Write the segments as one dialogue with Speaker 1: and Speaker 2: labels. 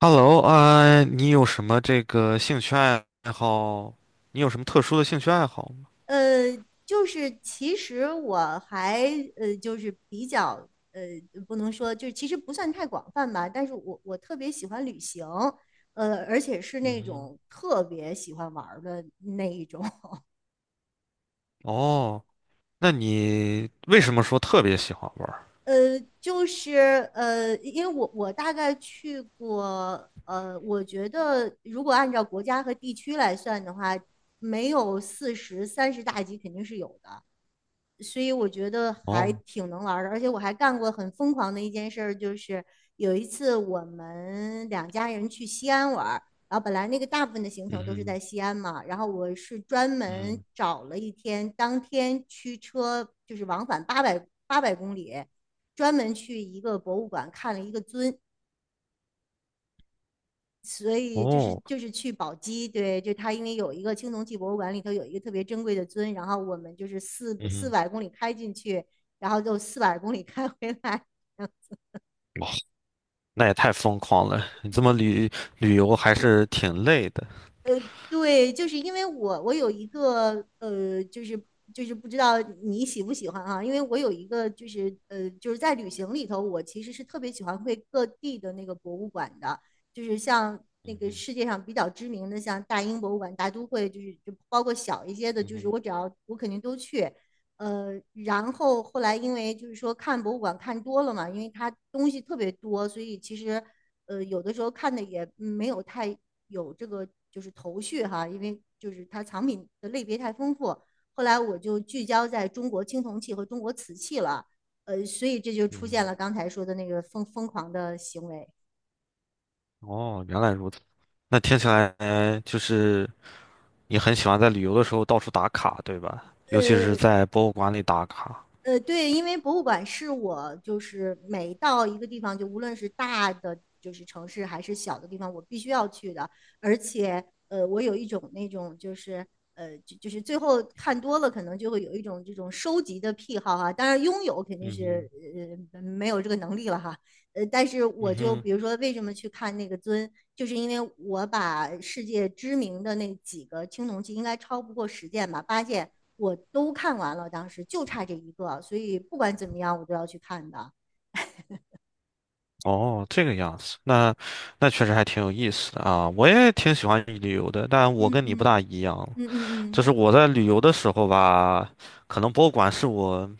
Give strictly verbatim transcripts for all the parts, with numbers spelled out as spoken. Speaker 1: Hello 啊，你有什么这个兴趣爱好？你有什么特殊的兴趣爱好吗？
Speaker 2: 呃，就是其实我还呃，就是比较呃，不能说，就是其实不算太广泛吧，但是我我特别喜欢旅行，呃，而且是
Speaker 1: 嗯
Speaker 2: 那
Speaker 1: 哼，
Speaker 2: 种特别喜欢玩儿的那一种。
Speaker 1: 哦，那你为什么说特别喜欢玩儿？
Speaker 2: 呃，就是呃，因为我我大概去过，呃，我觉得如果按照国家和地区来算的话，没有四十、三十大几肯定是有的，所以我觉得还
Speaker 1: 哦，
Speaker 2: 挺能玩儿的。而且我还干过很疯狂的一件事儿，就是有一次我们两家人去西安玩儿，然后本来那个大部分的行程
Speaker 1: 嗯
Speaker 2: 都是
Speaker 1: 哼，
Speaker 2: 在西安嘛，然后我是专门
Speaker 1: 嗯，
Speaker 2: 找了一天，当天驱车就是往返八百八百公里。专门去一个博物馆看了一个尊，所以就是
Speaker 1: 哦，
Speaker 2: 就是去宝鸡。对，就他因为有一个青铜器博物馆里头有一个特别珍贵的尊，然后我们就是四
Speaker 1: 嗯
Speaker 2: 四
Speaker 1: 哼，
Speaker 2: 百公里开进去，然后就四百公里开回来。
Speaker 1: 哇，那也太疯狂了！你这么旅旅游还是挺累的。
Speaker 2: 呃，对，就是因为我我有一个呃，就是就是不知道你喜不喜欢啊，因为我有一个就是呃，就是在旅行里头，我其实是特别喜欢会各地的那个博物馆的，就是像那
Speaker 1: 嗯
Speaker 2: 个
Speaker 1: 哼，
Speaker 2: 世界上比较知名的，像大英博物馆、大都会，就是就包括小一些的，
Speaker 1: 嗯
Speaker 2: 就是
Speaker 1: 哼，
Speaker 2: 我只要我肯定都去。呃，然后后来因为就是说看博物馆看多了嘛，因为它东西特别多，所以其实呃，有的时候看的也嗯没有太有这个就是头绪哈，因为就是它藏品的类别太丰富。后来我就聚焦在中国青铜器和中国瓷器了，呃，所以这就出现
Speaker 1: 嗯，
Speaker 2: 了刚才说的那个疯疯狂的行为。
Speaker 1: 哦，原来如此。那听起来就是你很喜欢在旅游的时候到处打卡，对吧？尤其是
Speaker 2: 呃，
Speaker 1: 在博物馆里打卡。
Speaker 2: 呃，对，因为博物馆是我就是每到一个地方，就无论是大的就是城市还是小的地方，我必须要去的。而且，呃，我有一种那种就是呃，就就是最后看多了，可能就会有一种这种收集的癖好哈。当然，拥有肯定
Speaker 1: 嗯
Speaker 2: 是
Speaker 1: 哼，
Speaker 2: 呃呃没有这个能力了哈。
Speaker 1: 嗯哼。哦，这个样子，那那确实还挺有意思的啊！我也挺喜欢旅游的，但我跟你不大一样，就是我在旅游的时候吧，可能博物馆是我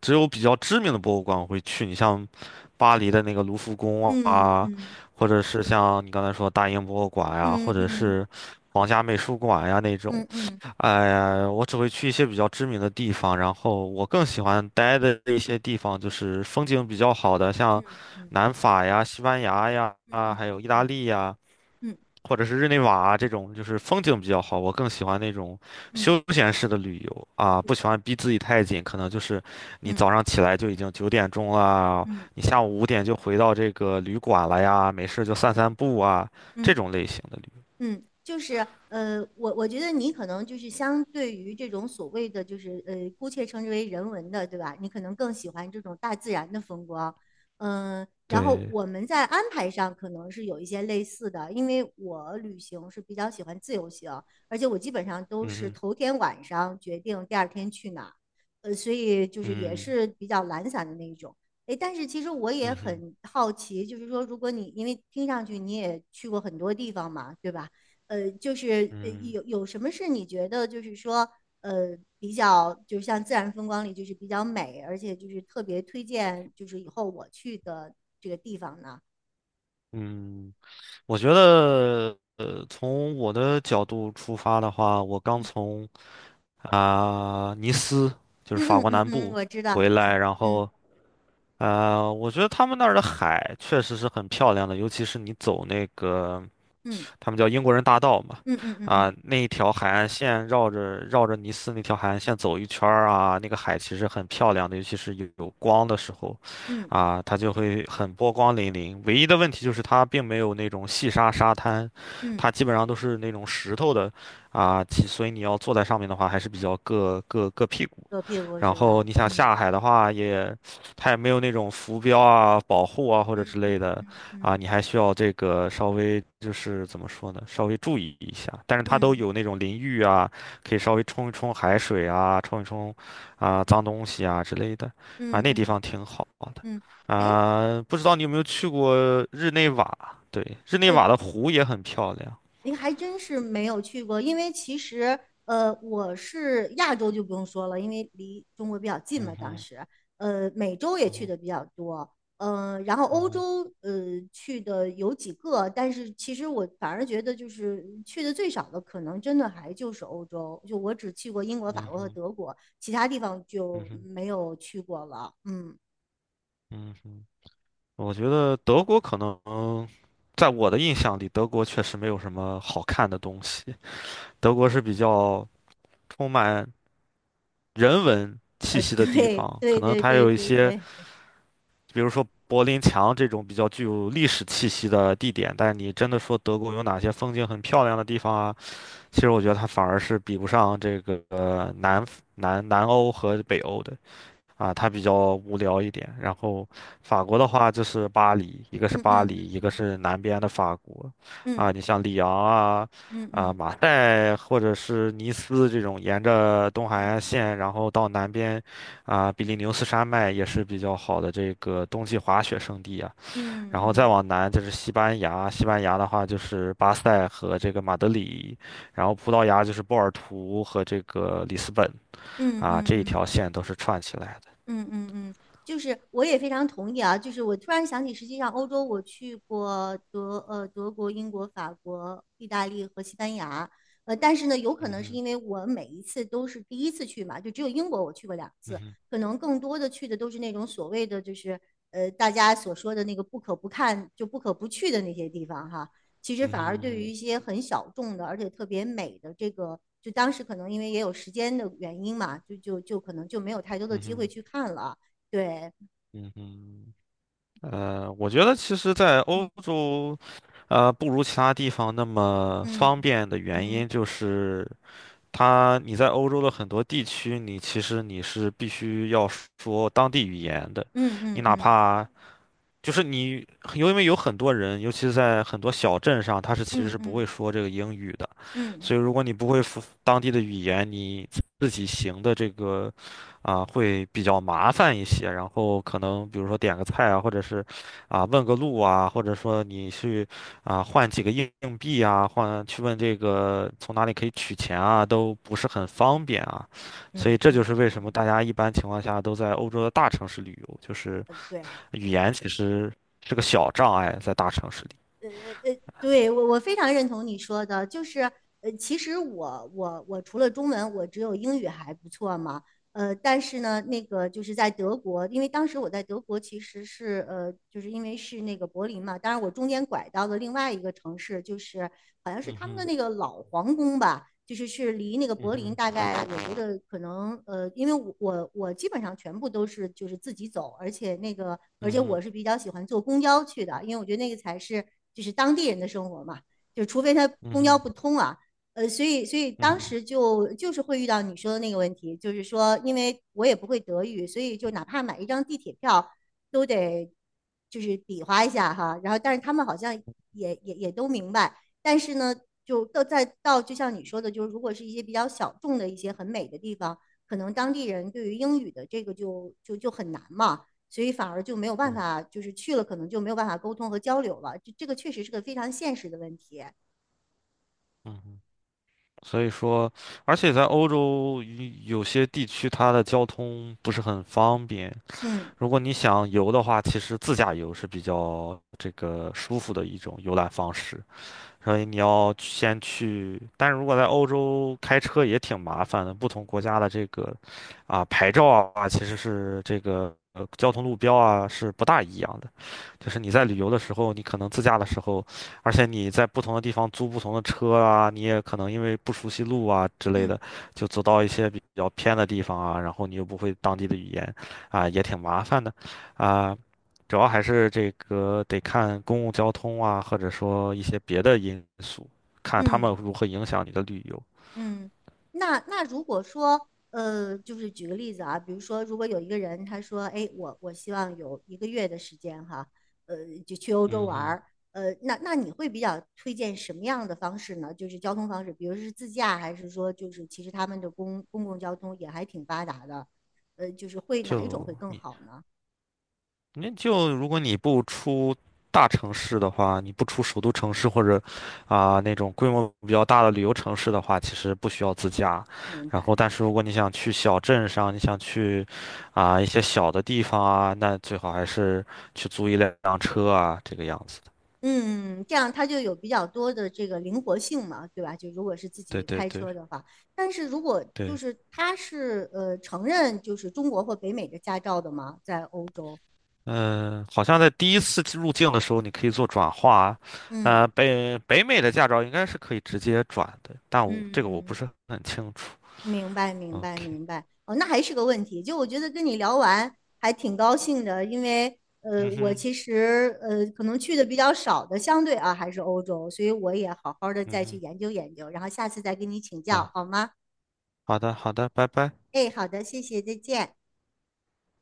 Speaker 1: 只有比较知名的博物馆我会去，你像巴黎的那个卢浮宫啊，或者是像你刚才说大英博物馆呀、或者是皇家美术馆呀、那种。哎呀，我只会去一些比较知名的地方，然后我更喜欢待的一些地方就是风景比较好的，像南法呀、西班牙呀，啊，还有意大利呀，或者是日内瓦啊这种，就是风景比较好。我更喜欢那种休闲式的旅游啊，不喜欢逼自己太紧，可能就是你早上起来就已经九点钟了，你下午五点就回到这个旅馆了呀，没事就散散步啊，这种类型的旅游。
Speaker 2: 嗯，就是呃，我我觉得你可能就是相对于这种所谓的就是呃，姑且称之为人文的，对吧？你可能更喜欢这种大自然的风光。嗯、然后
Speaker 1: 对，
Speaker 2: 我们在安排上可能是有一些类似的，因为我旅行是比较喜欢自由行，而且我基本上都
Speaker 1: 嗯
Speaker 2: 是
Speaker 1: 哼
Speaker 2: 头天晚上决定第二天去哪儿，呃，所以就是也
Speaker 1: 嗯
Speaker 2: 是比较懒散的那一种。诶，但是其实我也
Speaker 1: 嗯哼
Speaker 2: 很好奇，就是说，如果你因为听上去你也去过很多地方嘛，对吧？呃，就是呃
Speaker 1: 嗯。
Speaker 2: 有有什么是你觉得就是说呃比较，就像自然风光里就是比较美，而且就是特别推荐，就是以后我去的这个地方呢？
Speaker 1: 嗯，我觉得，呃，从我的角度出发的话，我刚从啊、尼斯，就是
Speaker 2: 嗯
Speaker 1: 法
Speaker 2: 嗯
Speaker 1: 国
Speaker 2: 嗯
Speaker 1: 南
Speaker 2: 嗯，
Speaker 1: 部
Speaker 2: 我知道。
Speaker 1: 回来，
Speaker 2: 嗯
Speaker 1: 然后，呃，我觉得他们那儿的海确实是很漂亮的，尤其是你走那个。
Speaker 2: 嗯
Speaker 1: 他们叫英国人大道嘛，
Speaker 2: 嗯嗯嗯嗯
Speaker 1: 啊，
Speaker 2: 嗯
Speaker 1: 那一条海岸线绕着绕着尼斯那条海岸线走一圈儿啊，那个海其实很漂亮的，尤其是有有光的时候，
Speaker 2: 嗯
Speaker 1: 啊，它就会很波光粼粼。唯一的问题就是它并没有那种细沙沙滩，
Speaker 2: 嗯，
Speaker 1: 它基本上都是那种石头的，啊，其所以你要坐在上面的话，还是比较硌硌硌屁股。
Speaker 2: 左屁股
Speaker 1: 然
Speaker 2: 是
Speaker 1: 后
Speaker 2: 吧？
Speaker 1: 你想
Speaker 2: 嗯
Speaker 1: 下海的话也，它也没有那种浮标啊、保护啊或者
Speaker 2: 嗯
Speaker 1: 之类
Speaker 2: 嗯
Speaker 1: 的
Speaker 2: 嗯嗯
Speaker 1: 啊，你还需要这个稍微就是怎么说呢，稍微注意一下。但是它都
Speaker 2: 嗯
Speaker 1: 有那种淋浴啊，可以稍微冲一冲海水啊，冲一冲啊脏东西啊之类的啊，
Speaker 2: 嗯
Speaker 1: 那地
Speaker 2: 嗯
Speaker 1: 方挺好的
Speaker 2: 嗯，嗯哎。
Speaker 1: 啊。不知道你有没有去过日内瓦？对，日内
Speaker 2: 呃
Speaker 1: 瓦的湖也很漂亮。
Speaker 2: 您还真是没有去过，因为其实呃，我是亚洲就不用说了，因为离中国比较近
Speaker 1: 嗯
Speaker 2: 嘛，当
Speaker 1: 哼，
Speaker 2: 时呃，美洲也
Speaker 1: 嗯
Speaker 2: 去
Speaker 1: 哼，
Speaker 2: 的比较多，呃，然后
Speaker 1: 嗯
Speaker 2: 欧
Speaker 1: 哼，
Speaker 2: 洲呃去的有几个，但是其实我反而觉得就是去的最少的，可能真的还就是欧洲，就我只去过英国、法国和德国，其他地方
Speaker 1: 嗯
Speaker 2: 就
Speaker 1: 哼，
Speaker 2: 没有去过了。嗯，
Speaker 1: 嗯哼。我觉得德国可能，在我的印象里，德国确实没有什么好看的东西。德国是比较充满人文气
Speaker 2: 呃，
Speaker 1: 息的地
Speaker 2: 对
Speaker 1: 方，可
Speaker 2: 对
Speaker 1: 能
Speaker 2: 对
Speaker 1: 它
Speaker 2: 对
Speaker 1: 有一
Speaker 2: 对
Speaker 1: 些，
Speaker 2: 对，
Speaker 1: 比如说柏林墙这种比较具有历史气息的地点。但你真的说德国有哪些风景很漂亮的地方啊？其实我觉得它反而是比不上这个呃南南南欧和北欧的。啊，它比较无聊一点。然后法国的话就是巴黎，一个是
Speaker 2: 嗯
Speaker 1: 巴黎，
Speaker 2: 嗯
Speaker 1: 一个是南边的法国，啊，
Speaker 2: 嗯
Speaker 1: 你像里昂啊，
Speaker 2: 嗯嗯
Speaker 1: 啊
Speaker 2: 嗯
Speaker 1: 马赛或者是尼斯这种，沿着东海岸
Speaker 2: 嗯
Speaker 1: 线，然后到南边，啊比利牛斯山脉也是比较好的这个冬季滑雪胜地啊。
Speaker 2: 嗯嗯。嗯
Speaker 1: 然后再
Speaker 2: 嗯
Speaker 1: 往南就是西班牙，西班牙的话就是巴塞和这个马德里，然后葡萄牙就是波尔图和这个里斯本
Speaker 2: 嗯
Speaker 1: 啊，
Speaker 2: 嗯
Speaker 1: 这一条
Speaker 2: 嗯
Speaker 1: 线都是串起来的。
Speaker 2: 嗯嗯嗯，就是我也非常同意啊。就是我突然想起，实际上欧洲我去过德呃德国、英国、法国、意大利和西班牙。呃，但是呢，有可
Speaker 1: 嗯
Speaker 2: 能是
Speaker 1: 哼。
Speaker 2: 因为我每一次都是第一次去嘛，就只有英国我去过两
Speaker 1: 嗯
Speaker 2: 次，
Speaker 1: 哼，
Speaker 2: 可能更多的去的都是那种所谓的就是呃大家所说的那个不可不看就不可不去的那些地方哈。其实
Speaker 1: 嗯
Speaker 2: 反而对于
Speaker 1: 哼，
Speaker 2: 一些很小众的，而且特别美的这个，就当时可能因为也有时间的原因嘛，就就就可能就没有太多的
Speaker 1: 嗯
Speaker 2: 机会
Speaker 1: 哼，
Speaker 2: 去看了。对
Speaker 1: 嗯哼，
Speaker 2: 对，
Speaker 1: 呃，我觉得其实，在欧
Speaker 2: 嗯
Speaker 1: 洲，呃，不如其他地方那么
Speaker 2: 嗯
Speaker 1: 方便的原
Speaker 2: 嗯
Speaker 1: 因，就是它你在欧洲的很多地区，你其实你是必须要说当地语言的，
Speaker 2: 嗯
Speaker 1: 你
Speaker 2: 嗯
Speaker 1: 哪
Speaker 2: 嗯
Speaker 1: 怕就是你，因为有很多人，尤其是在很多小镇上，他是其实
Speaker 2: 嗯
Speaker 1: 是不
Speaker 2: 嗯
Speaker 1: 会说这个英语的，
Speaker 2: 嗯
Speaker 1: 所以如果你不会说当地的语言，你自己行的这个啊、会比较麻烦一些。然后可能比如说点个菜啊，或者是啊、问个路啊，或者说你去啊、换几个硬硬币啊，换去问这个从哪里可以取钱啊，都不是很方便啊。所
Speaker 2: 嗯
Speaker 1: 以这就
Speaker 2: 嗯
Speaker 1: 是为什么
Speaker 2: 嗯，
Speaker 1: 大家一般情况下都在欧洲的大城市旅游，就是。
Speaker 2: 对。
Speaker 1: 语言其实是个小障碍，在大城市里。
Speaker 2: 对，我我非常认同你说的，就是呃，其实我我我除了中文，我只有英语还不错嘛。呃，但是呢，那个就是在德国，因为当时我在德国其实是呃，就是因为是那个柏林嘛，当然我中间拐到了另外一个城市，就是好像是
Speaker 1: 嗯
Speaker 2: 他们的
Speaker 1: 哼，
Speaker 2: 那个老皇宫吧。就是是离那个
Speaker 1: 嗯
Speaker 2: 柏林
Speaker 1: 哼，
Speaker 2: 大概，我觉得可能呃，因为我我我基本上全部都是就是自己走，而且那个而且
Speaker 1: 嗯哼，
Speaker 2: 我是比较喜欢坐公交去的，因为我觉得那个才是就是当地人的生活嘛，就除非他
Speaker 1: 嗯
Speaker 2: 公交
Speaker 1: 哼，
Speaker 2: 不通啊。呃，所以所以
Speaker 1: 嗯
Speaker 2: 当
Speaker 1: 哼，
Speaker 2: 时就就是会遇到你说的那个问题，就是说因为我也不会德语，所以就哪怕买一张地铁票都得就是比划一下哈，然后但是他们好像也也也都明白。但是呢，就到再到就像你说的，就是如果是一些比较小众的一些很美的地方，可能当地人对于英语的这个就就就很难嘛，所以反而就没有办
Speaker 1: 嗯
Speaker 2: 法，就是去了可能就没有办法沟通和交流了。这这个确实是个非常现实的问题。
Speaker 1: 嗯哼，所以说，而且在欧洲有有些地区，它的交通不是很方便。
Speaker 2: 嗯
Speaker 1: 如果你想游的话，其实自驾游是比较这个舒服的一种游览方式。所以你要先去，但是如果在欧洲开车也挺麻烦的，不同国家的这个啊牌照啊，其实是这个呃交通路标啊是不大一样的。就是你在旅游的时候，你可能自驾的时候，而且你在不同的地方租不同的车啊，你也可能因为不熟悉路啊之类
Speaker 2: 嗯
Speaker 1: 的，就走到一些比较偏的地方啊，然后你又不会当地的语言，啊，也挺麻烦的，啊。主要还是这个得看公共交通啊，或者说一些别的因素，看他们
Speaker 2: 嗯。
Speaker 1: 如何影响你的旅游。
Speaker 2: 嗯，那那如果说，呃，就是举个例子啊，比如说，如果有一个人他说，哎，我我希望有一个月的时间哈，呃，就去欧洲
Speaker 1: 嗯
Speaker 2: 玩
Speaker 1: 哼，
Speaker 2: 儿，呃，那那你会比较推荐什么样的方式呢？就是交通方式，比如是自驾，还是说就是其实他们的公公共交通也还挺发达的，呃，就是会哪一种会
Speaker 1: 就
Speaker 2: 更
Speaker 1: 你，
Speaker 2: 好呢？
Speaker 1: 那就如果你不出大城市的话，你不出首都城市或者啊、那种规模比较大的旅游城市的话，其实不需要自驾。
Speaker 2: 明
Speaker 1: 然后，
Speaker 2: 白。
Speaker 1: 但是如果你想去小镇上，你想去啊、一些小的地方啊，那最好还是去租一辆车啊，这个样子的。
Speaker 2: 嗯，这样它就有比较多的这个灵活性嘛，对吧？就如果是自
Speaker 1: 对
Speaker 2: 己
Speaker 1: 对
Speaker 2: 开
Speaker 1: 对
Speaker 2: 车的话，但是如果就
Speaker 1: 对。
Speaker 2: 是它是呃承认就是中国或北美的驾照的嘛，在欧洲，
Speaker 1: 嗯，好像在第一次入境的时候，你可以做转化。呃，
Speaker 2: 嗯
Speaker 1: 北北美的驾照应该是可以直接转的，但我这个我不
Speaker 2: 嗯，
Speaker 1: 是很清楚。
Speaker 2: 明白明白
Speaker 1: OK,
Speaker 2: 明白。哦，那还是个问题。就我觉得跟你聊完还挺高兴的，因为呃
Speaker 1: 嗯
Speaker 2: 我
Speaker 1: 哼，
Speaker 2: 其实呃可能去的比较少的，相对啊还是欧洲，所以我也好好的再去
Speaker 1: 嗯
Speaker 2: 研究研究，然后下次再跟你请
Speaker 1: 哼，
Speaker 2: 教
Speaker 1: 啊，
Speaker 2: 好吗？
Speaker 1: 好的，好的，拜拜。
Speaker 2: 哎，好的，谢谢，再见。